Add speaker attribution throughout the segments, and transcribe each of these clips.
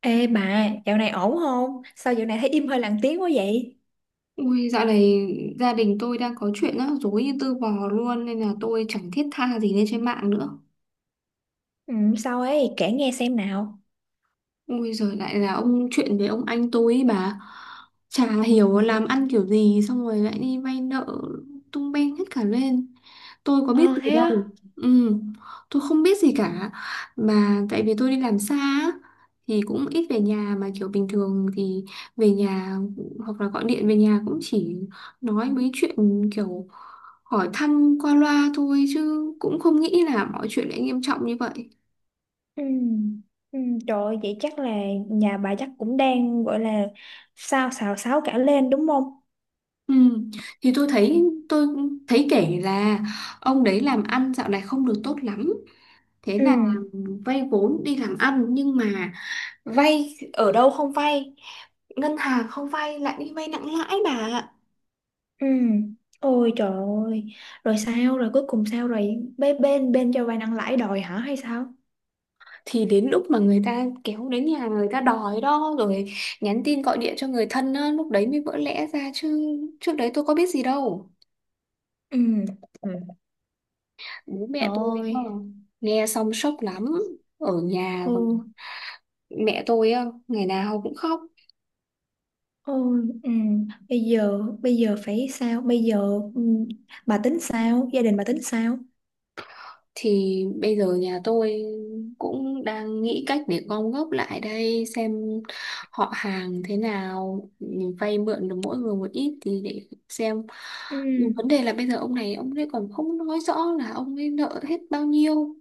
Speaker 1: Ê bà, dạo này ổn không? Sao dạo này thấy im hơi lặng tiếng quá vậy?
Speaker 2: Ui, dạo này gia đình tôi đang có chuyện rắc rối như tư bò luôn nên là tôi chẳng thiết tha gì lên trên mạng nữa.
Speaker 1: Ừ, sao ấy, kể nghe xem nào.
Speaker 2: Ui giời, lại là ông chuyện với ông anh tôi ấy bà. Chả hiểu làm ăn kiểu gì. Xong rồi lại đi vay nợ, tung beng hết cả lên. Tôi có biết
Speaker 1: Ờ
Speaker 2: gì
Speaker 1: thế á.
Speaker 2: đâu. Ừ, tôi không biết gì cả. Mà tại vì tôi đi làm xa á, thì cũng ít về nhà. Mà kiểu bình thường thì về nhà, hoặc là gọi điện về nhà cũng chỉ nói mấy chuyện kiểu hỏi thăm qua loa thôi, chứ cũng không nghĩ là mọi chuyện lại nghiêm trọng như vậy.
Speaker 1: Ừ. Ừ, trời ơi, vậy chắc là nhà bà chắc cũng đang gọi là sao xào xáo cả lên đúng không?
Speaker 2: Ừ. Thì tôi thấy tôi kể là ông đấy làm ăn dạo này không được tốt lắm, thế
Speaker 1: Ừ,
Speaker 2: là vay vốn đi làm ăn, nhưng mà vay ở đâu không vay, ngân hàng không vay lại đi vay nặng lãi bà ạ.
Speaker 1: ừ. Ôi trời ơi, rồi sao, rồi cuối cùng sao rồi? Bên bên, bên cho vay nặng lãi đòi hả hay sao?
Speaker 2: Thì đến lúc mà người ta kéo đến nhà, người ta đòi đó rồi nhắn tin gọi điện cho người thân á, lúc đấy mới vỡ lẽ ra chứ, trước đấy tôi có biết gì đâu.
Speaker 1: Ừ. Ừ.
Speaker 2: Bố
Speaker 1: Trời
Speaker 2: mẹ tôi
Speaker 1: ơi.
Speaker 2: nghe xong sốc lắm. Ở nhà
Speaker 1: Ừ.
Speaker 2: mẹ tôi á, ngày nào cũng khóc.
Speaker 1: Ôi, ừ. Bây giờ phải sao? Bây giờ ừ, bà tính sao? Gia đình bà tính sao?
Speaker 2: Thì bây giờ nhà tôi cũng đang nghĩ cách để gom góp lại đây xem, họ hàng thế nào vay mượn được mỗi người một ít thì để xem.
Speaker 1: Ừ.
Speaker 2: Nhưng vấn đề là bây giờ ông này ông ấy còn không nói rõ là ông ấy nợ hết bao nhiêu,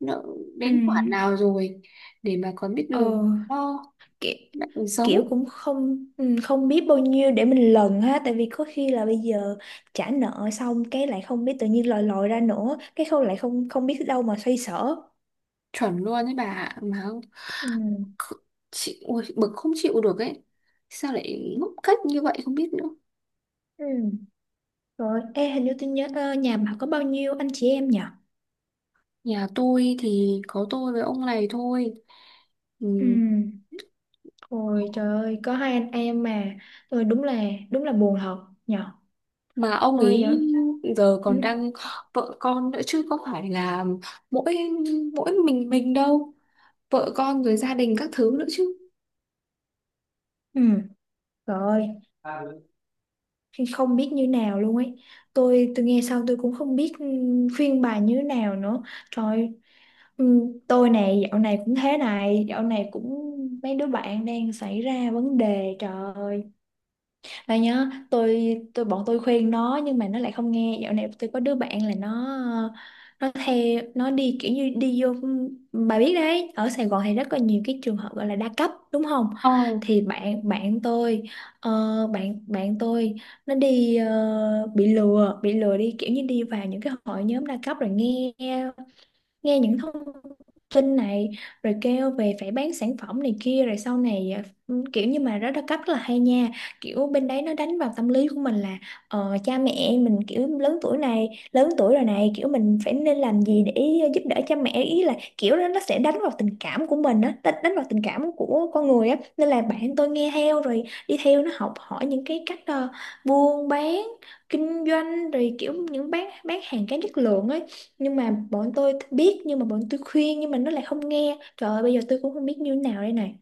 Speaker 2: nợ
Speaker 1: Ừ.
Speaker 2: đến khoản nào rồi, để mà còn biết
Speaker 1: Ờ,
Speaker 2: đường lo,
Speaker 1: kiểu,
Speaker 2: lại còn
Speaker 1: kiểu
Speaker 2: xấu.
Speaker 1: cũng không không biết bao nhiêu để mình lần ha, tại vì có khi là bây giờ trả nợ xong cái lại không biết tự nhiên lòi lòi ra nữa, cái không lại không không biết đâu mà xoay sở
Speaker 2: Chuẩn luôn đấy bà ạ. Mà không-
Speaker 1: ừ.
Speaker 2: chị ôi, bực không chịu được ấy, sao lại ngốc cách như vậy không biết nữa.
Speaker 1: Ừ. Rồi, ê hình như tôi nhớ nhà bà có bao nhiêu anh chị em nhỉ?
Speaker 2: Nhà tôi thì có tôi với ông này thôi.
Speaker 1: Ừ.
Speaker 2: Ừm,
Speaker 1: Ôi trời ơi, có hai anh em mà. Tôi đúng là buồn thật nhỉ.
Speaker 2: Mà ông
Speaker 1: Ôi
Speaker 2: ấy
Speaker 1: giờ
Speaker 2: giờ còn
Speaker 1: ừ.
Speaker 2: đang vợ con nữa chứ, có phải là mỗi mỗi mình đâu. Vợ con rồi gia đình các thứ nữa chứ.
Speaker 1: Ừ. Trời ơi, không biết như nào luôn ấy. Tôi nghe xong tôi cũng không biết khuyên bà như nào nữa. Trời ơi, ừ, tôi này dạo này cũng thế này, dạo này cũng mấy đứa bạn đang xảy ra vấn đề, trời ơi. Và nhớ tôi bọn tôi khuyên nó nhưng mà nó lại không nghe. Dạo này tôi có đứa bạn là nó theo, nó đi kiểu như đi vô, bà biết đấy, ở Sài Gòn thì rất là nhiều cái trường hợp gọi là đa cấp đúng không,
Speaker 2: Ờ,
Speaker 1: thì bạn bạn tôi ờ, bạn bạn tôi nó đi bị lừa đi kiểu như đi vào những cái hội nhóm đa cấp rồi nghe nghe những thông tin này, rồi kêu về phải bán sản phẩm này kia rồi sau này à, kiểu như mà rất là cấp rất là hay nha, kiểu bên đấy nó đánh vào tâm lý của mình là cha mẹ mình kiểu lớn tuổi này, lớn tuổi rồi này, kiểu mình phải nên làm gì để giúp đỡ cha mẹ, ý là kiểu đó nó sẽ đánh vào tình cảm của mình á, đánh đánh vào tình cảm của con người á, nên là bạn tôi nghe theo rồi đi theo nó, học hỏi những cái cách buôn bán kinh doanh, rồi kiểu những bán hàng kém chất lượng ấy, nhưng mà bọn tôi biết, nhưng mà bọn tôi khuyên nhưng mà nó lại không nghe, trời ơi, bây giờ tôi cũng không biết như thế nào đây này.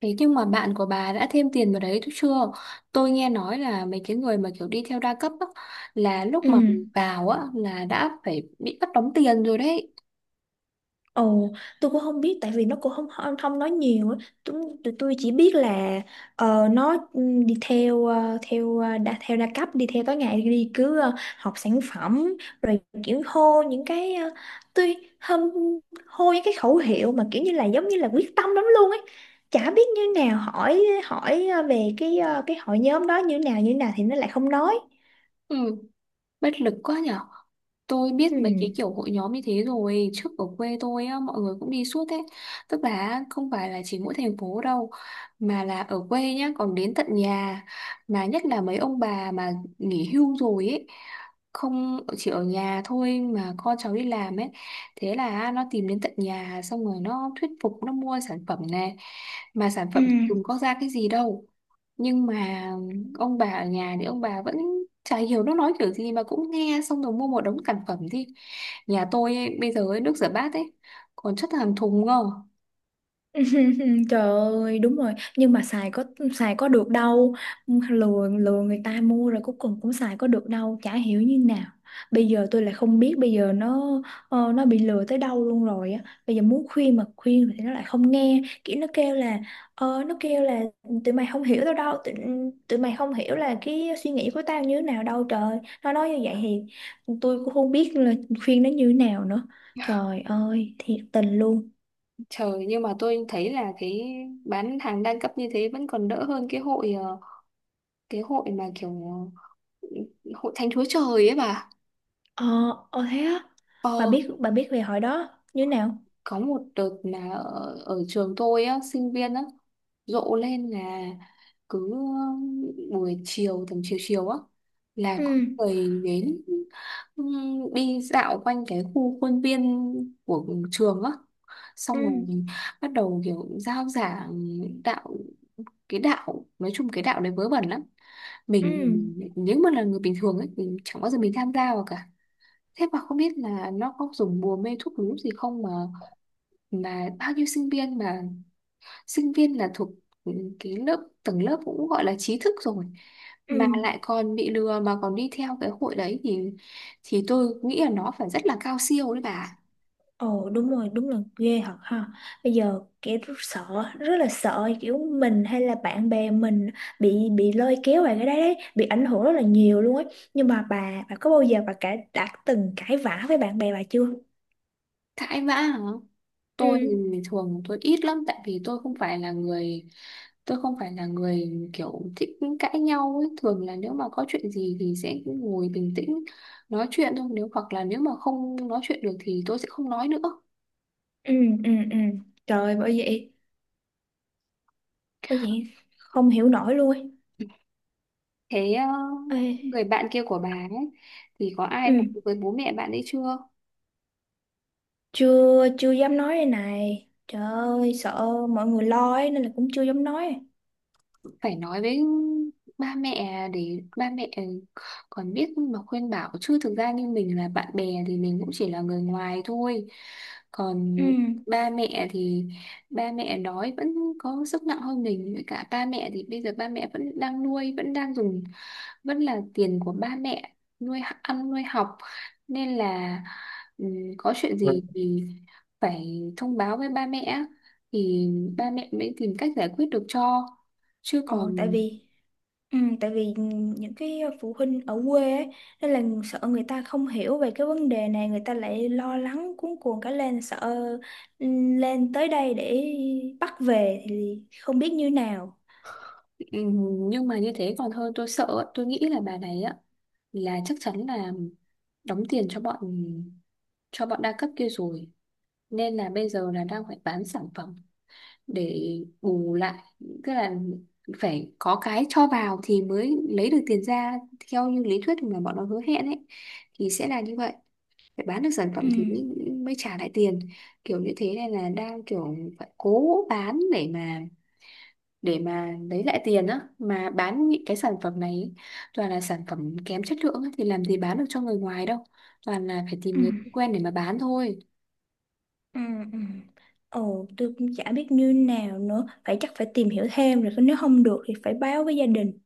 Speaker 2: thế nhưng mà bạn của bà đã thêm tiền vào đấy chứ chưa? Tôi nghe nói là mấy cái người mà kiểu đi theo đa cấp á, là lúc
Speaker 1: Ừ.
Speaker 2: mà vào á là đã phải bị bắt đóng tiền rồi đấy.
Speaker 1: Ồ, tôi cũng không biết tại vì nó cũng không không, không nói nhiều á. Tụi, tụi tôi chỉ biết là nó đi theo đa cấp, đi theo tối ngày, đi cứ học sản phẩm rồi kiểu hô những cái tôi hâm, hô những cái khẩu hiệu mà kiểu như là giống như là quyết tâm lắm luôn ấy. Chả biết như nào, hỏi hỏi về cái hội nhóm đó như nào thì nó lại không nói.
Speaker 2: Ừ, bất lực quá nhở. Tôi
Speaker 1: Ừ.
Speaker 2: biết mấy cái kiểu hội nhóm như thế rồi, trước ở quê tôi á, mọi người cũng đi suốt ấy. Tức là không phải là chỉ mỗi thành phố đâu, mà là ở quê nhá, còn đến tận nhà. Mà nhất là mấy ông bà mà nghỉ hưu rồi ấy, không chỉ ở nhà thôi mà con cháu đi làm ấy, thế là nó tìm đến tận nhà xong rồi nó thuyết phục nó mua sản phẩm này, mà sản
Speaker 1: Ừ.
Speaker 2: phẩm dùng có ra cái gì đâu. Nhưng mà ông bà ở nhà thì ông bà vẫn chả hiểu nó nói kiểu gì mà cũng nghe xong rồi mua một đống sản phẩm. Đi nhà tôi ấy, bây giờ ấy, nước rửa bát ấy còn chất hàng thùng ngờ.
Speaker 1: Trời ơi, đúng rồi, nhưng mà xài có được đâu. Lừa lừa người ta mua rồi cuối cùng cũng xài có được đâu, chả hiểu như nào. Bây giờ tôi lại không biết bây giờ nó nó bị lừa tới đâu luôn rồi á. Bây giờ muốn khuyên mà khuyên thì nó lại không nghe, kiểu nó kêu là tụi mày không hiểu tao đâu, tụi mày không hiểu là cái suy nghĩ của tao như thế nào đâu trời. Nó nói như vậy thì tôi cũng không biết là khuyên nó như thế nào nữa. Trời ơi, thiệt tình luôn.
Speaker 2: Trời, nhưng mà tôi thấy là cái bán hàng đa cấp như thế vẫn còn đỡ hơn cái hội, cái hội mà kiểu hội thánh Chúa Trời ấy bà.
Speaker 1: Ờ, ờ thế á. Bà
Speaker 2: Ờ,
Speaker 1: biết bà biết về hồi đó như nào?
Speaker 2: có một đợt là ở trường tôi á, sinh viên á rộ lên là cứ buổi chiều tầm chiều chiều á là có
Speaker 1: Ừ,
Speaker 2: người đến, đi dạo quanh cái khu khuôn viên của trường á,
Speaker 1: ừ,
Speaker 2: xong rồi bắt đầu kiểu giao giảng đạo. Cái đạo nói chung cái đạo đấy vớ vẩn lắm.
Speaker 1: ừ,
Speaker 2: Mình nếu mà là người bình thường ấy mình chẳng bao giờ mình tham gia vào cả. Thế mà không biết là nó có dùng bùa mê thuốc lú gì không, mà bao nhiêu sinh viên, mà sinh viên là thuộc ừ, cái lớp tầng lớp cũng gọi là trí thức rồi
Speaker 1: ừ.
Speaker 2: mà lại còn bị lừa mà còn đi theo cái hội đấy thì, tôi nghĩ là nó phải rất là cao siêu đấy bà.
Speaker 1: Ồ, đúng rồi, đúng là ghê thật ha. Bây giờ kiểu rất sợ, rất là sợ kiểu mình hay là bạn bè mình bị lôi kéo vào cái đấy đấy, bị ảnh hưởng rất là nhiều luôn ấy. Nhưng mà bà có bao giờ bà cả đã từng cãi vã với bạn bè bà chưa?
Speaker 2: Cãi vã hả?
Speaker 1: Ừ,
Speaker 2: Tôi thì thường tôi ít lắm, tại vì tôi không phải là người kiểu thích cãi nhau ấy. Thường là nếu mà có chuyện gì thì sẽ ngồi bình tĩnh nói chuyện thôi, hoặc là nếu mà không nói chuyện được thì tôi sẽ không nói nữa.
Speaker 1: ừ, ừ, ừ. Trời, bởi vậy, không hiểu nổi luôn ấy.
Speaker 2: Thế
Speaker 1: Ê,
Speaker 2: người bạn kia của bà ấy thì có ai
Speaker 1: ừ,
Speaker 2: nói với bố mẹ bạn ấy chưa?
Speaker 1: chưa chưa dám nói đây này, trời ơi, sợ mọi người lo ấy nên là cũng chưa dám nói.
Speaker 2: Phải nói với ba mẹ để ba mẹ còn biết mà khuyên bảo chứ, thực ra như mình là bạn bè thì mình cũng chỉ là người ngoài thôi.
Speaker 1: Ừ.
Speaker 2: Còn ba mẹ thì ba mẹ nói vẫn có sức nặng hơn mình, với cả ba mẹ thì bây giờ ba mẹ vẫn đang nuôi, vẫn đang dùng vẫn là tiền của ba mẹ nuôi ăn nuôi học, nên là có chuyện
Speaker 1: Ừ.
Speaker 2: gì thì phải thông báo với ba mẹ thì ba mẹ mới tìm cách giải quyết được cho, chứ
Speaker 1: ờ, tại
Speaker 2: còn.
Speaker 1: vì tại vì những cái phụ huynh ở quê ấy, nên là sợ người ta không hiểu về cái vấn đề này, người ta lại lo lắng cuống cuồng cả lên, sợ ừ, lên tới đây để bắt về thì không biết như nào.
Speaker 2: Nhưng mà như thế còn hơn tôi sợ ạ. Tôi nghĩ là bà này á là chắc chắn là đóng tiền cho bọn đa cấp kia rồi, nên là bây giờ là đang phải bán sản phẩm để bù lại. Tức là phải có cái cho vào thì mới lấy được tiền ra, theo như lý thuyết mà bọn nó hứa hẹn ấy thì sẽ là như vậy, phải bán được sản phẩm
Speaker 1: Ừ.
Speaker 2: thì mới trả lại tiền. Kiểu như thế này là đang kiểu phải cố bán để mà lấy lại tiền á, mà bán những cái sản phẩm này ý, toàn là sản phẩm kém chất lượng á, thì làm gì bán được cho người ngoài đâu, toàn là phải tìm
Speaker 1: Ừ.
Speaker 2: người quen để mà bán thôi.
Speaker 1: Ừ. Ừ. Ồ, tôi cũng chả biết như nào nữa, phải chắc phải tìm hiểu thêm, rồi nếu không được thì phải báo với gia đình.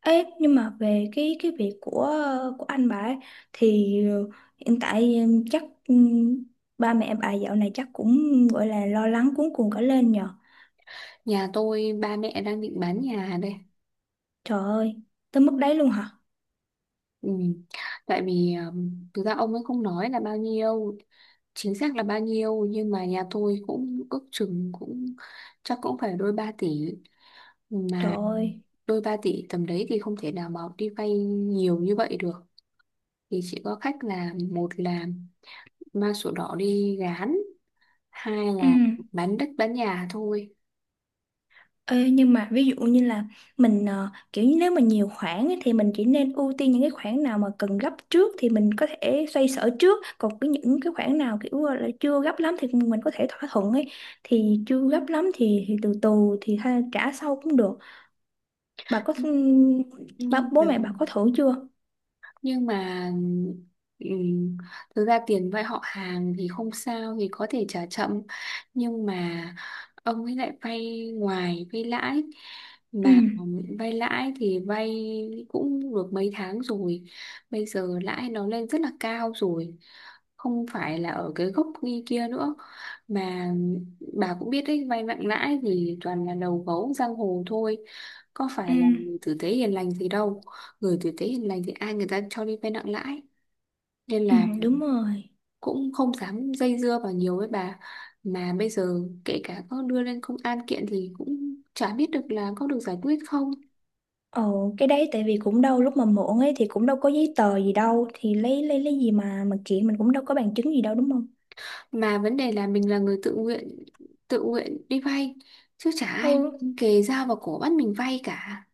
Speaker 1: Ê, nhưng mà về cái việc của của anh bà ấy, thì hiện tại chắc ừm, ba mẹ bà dạo này chắc cũng gọi là lo lắng cuống cuồng cả lên nhờ.
Speaker 2: Nhà tôi ba mẹ đang định bán nhà đây.
Speaker 1: Trời ơi, tới mức đấy luôn hả?
Speaker 2: Ừ. Tại vì thực ra ông ấy không nói là bao nhiêu chính xác là bao nhiêu, nhưng mà nhà tôi cũng ước chừng cũng chắc cũng phải đôi 3 tỷ,
Speaker 1: Trời
Speaker 2: mà
Speaker 1: ơi.
Speaker 2: đôi 3 tỷ tầm đấy thì không thể nào mà đi vay nhiều như vậy được, thì chỉ có cách là một là mang sổ đỏ đi gán, hai
Speaker 1: Ừ.
Speaker 2: là bán đất bán nhà thôi.
Speaker 1: Ê, nhưng mà ví dụ như là mình kiểu như nếu mà nhiều khoản ấy, thì mình chỉ nên ưu tiên những cái khoản nào mà cần gấp trước thì mình có thể xoay sở trước, còn cái những cái khoản nào kiểu là chưa gấp lắm thì mình có thể thỏa thuận ấy, thì chưa gấp lắm thì từ từ thì trả sau cũng được, bà có
Speaker 2: nhưng nhưng
Speaker 1: bố
Speaker 2: mà
Speaker 1: mẹ bà có thử chưa?
Speaker 2: nhưng mà ừm, thực ra tiền vay họ hàng thì không sao, thì có thể trả chậm, nhưng mà ông ấy lại vay ngoài vay lãi, mà
Speaker 1: Ừ.
Speaker 2: vay lãi thì vay cũng được mấy tháng rồi, bây giờ lãi nó lên rất là cao rồi, không phải là ở cái gốc như kia nữa, mà bà cũng biết đấy vay nặng lãi thì toàn là đầu gấu giang hồ thôi, có
Speaker 1: Ừ.
Speaker 2: phải là người tử tế hiền lành gì đâu, gửi tử tế hiền lành thì ai người ta cho đi vay nặng lãi, nên
Speaker 1: Ừ,
Speaker 2: là
Speaker 1: đúng rồi.
Speaker 2: cũng không dám dây dưa vào nhiều với bà, mà bây giờ kể cả có đưa lên công an kiện thì cũng chả biết được là có được giải quyết không,
Speaker 1: Ồ, cái đấy tại vì cũng đâu, lúc mà mượn ấy thì cũng đâu có giấy tờ gì đâu, thì lấy, lấy gì mà kiện, mình cũng đâu có bằng chứng gì đâu đúng không?
Speaker 2: mà vấn đề là mình là người tự nguyện, tự nguyện đi vay, chứ chả ai
Speaker 1: Ừ.
Speaker 2: kề dao vào cổ bắt mình vay cả.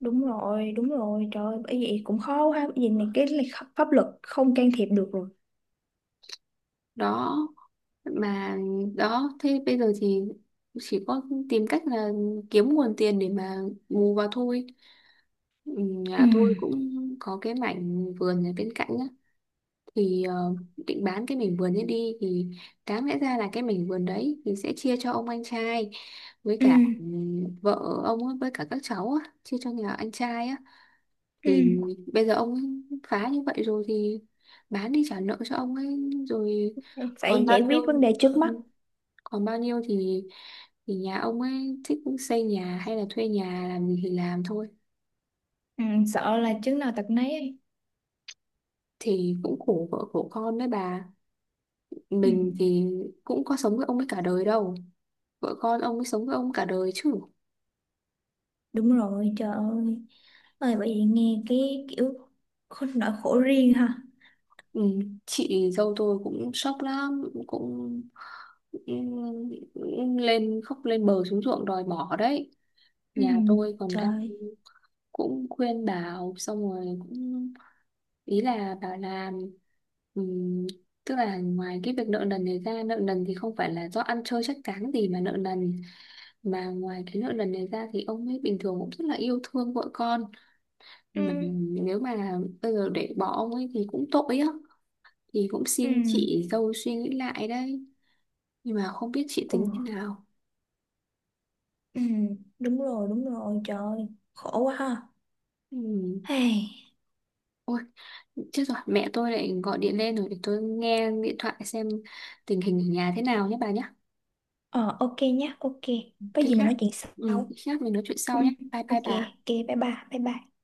Speaker 1: Đúng rồi, trời ơi, bởi vậy cũng khó ha, bởi vì này cái này pháp luật không can thiệp được rồi.
Speaker 2: Đó mà đó thế bây giờ thì chỉ có tìm cách là kiếm nguồn tiền để mà bù vào thôi. Ừ,
Speaker 1: Ừ,
Speaker 2: nhà tôi cũng có cái mảnh vườn ở bên cạnh á, thì định bán cái mảnh vườn ấy đi. Thì đáng lẽ ra là cái mảnh vườn đấy thì sẽ chia cho ông anh trai với
Speaker 1: ừ,
Speaker 2: cả vợ ông ấy, với cả các cháu á, chia cho nhà anh trai á. Thì
Speaker 1: ừ,
Speaker 2: bây giờ ông ấy phá như vậy rồi thì bán đi trả nợ cho ông ấy, rồi
Speaker 1: phải
Speaker 2: còn bao
Speaker 1: giải
Speaker 2: nhiêu
Speaker 1: quyết vấn đề trước mắt.
Speaker 2: ừ, còn bao nhiêu thì nhà ông ấy thích xây nhà hay là thuê nhà làm gì thì làm thôi.
Speaker 1: Ừ, sợ là chứng nào tật nấy ấy.
Speaker 2: Thì cũng khổ vợ khổ con đấy bà,
Speaker 1: Ừ,
Speaker 2: mình thì cũng có sống với ông ấy cả đời đâu, vợ con ông ấy sống với ông cả đời chứ.
Speaker 1: đúng rồi, trời ơi. Ơi, bởi vì nghe cái kiểu khổ, nỗi khổ riêng ha.
Speaker 2: Ừ, chị dâu tôi cũng sốc lắm, cũng lên khóc lên bờ xuống ruộng đòi bỏ đấy.
Speaker 1: Ừ,
Speaker 2: Nhà tôi còn
Speaker 1: trời.
Speaker 2: đang
Speaker 1: ơi.
Speaker 2: cũng khuyên bảo xong rồi cũng, ý là bảo là ừm, tức là ngoài cái việc nợ nần này ra, nợ nần thì không phải là do ăn chơi chắc chắn gì mà nợ nần, mà ngoài cái nợ nần này ra thì ông ấy bình thường cũng rất là yêu thương vợ con,
Speaker 1: Ừ,
Speaker 2: mà nếu mà bây giờ để bỏ ông ấy thì cũng tội á, thì cũng
Speaker 1: ừ,
Speaker 2: xin chị dâu suy nghĩ lại đấy, nhưng mà không biết chị
Speaker 1: ừ,
Speaker 2: tính thế nào.
Speaker 1: ừ, đúng rồi, trời ơi, khổ quá ha.
Speaker 2: Ừ.
Speaker 1: Hey.
Speaker 2: Ôi chết rồi, mẹ tôi lại gọi điện lên rồi, để tôi nghe điện thoại xem tình hình ở nhà thế nào nhé bà nhé.
Speaker 1: Ờ, ok nhá, ok. Có
Speaker 2: Khi
Speaker 1: gì mình
Speaker 2: khác.
Speaker 1: nói chuyện
Speaker 2: Ừ,
Speaker 1: sau.
Speaker 2: khi khác mình nói chuyện
Speaker 1: Ừ,
Speaker 2: sau nhé, bye
Speaker 1: ok,
Speaker 2: bye bà.
Speaker 1: ok. Bye bye, bye bye.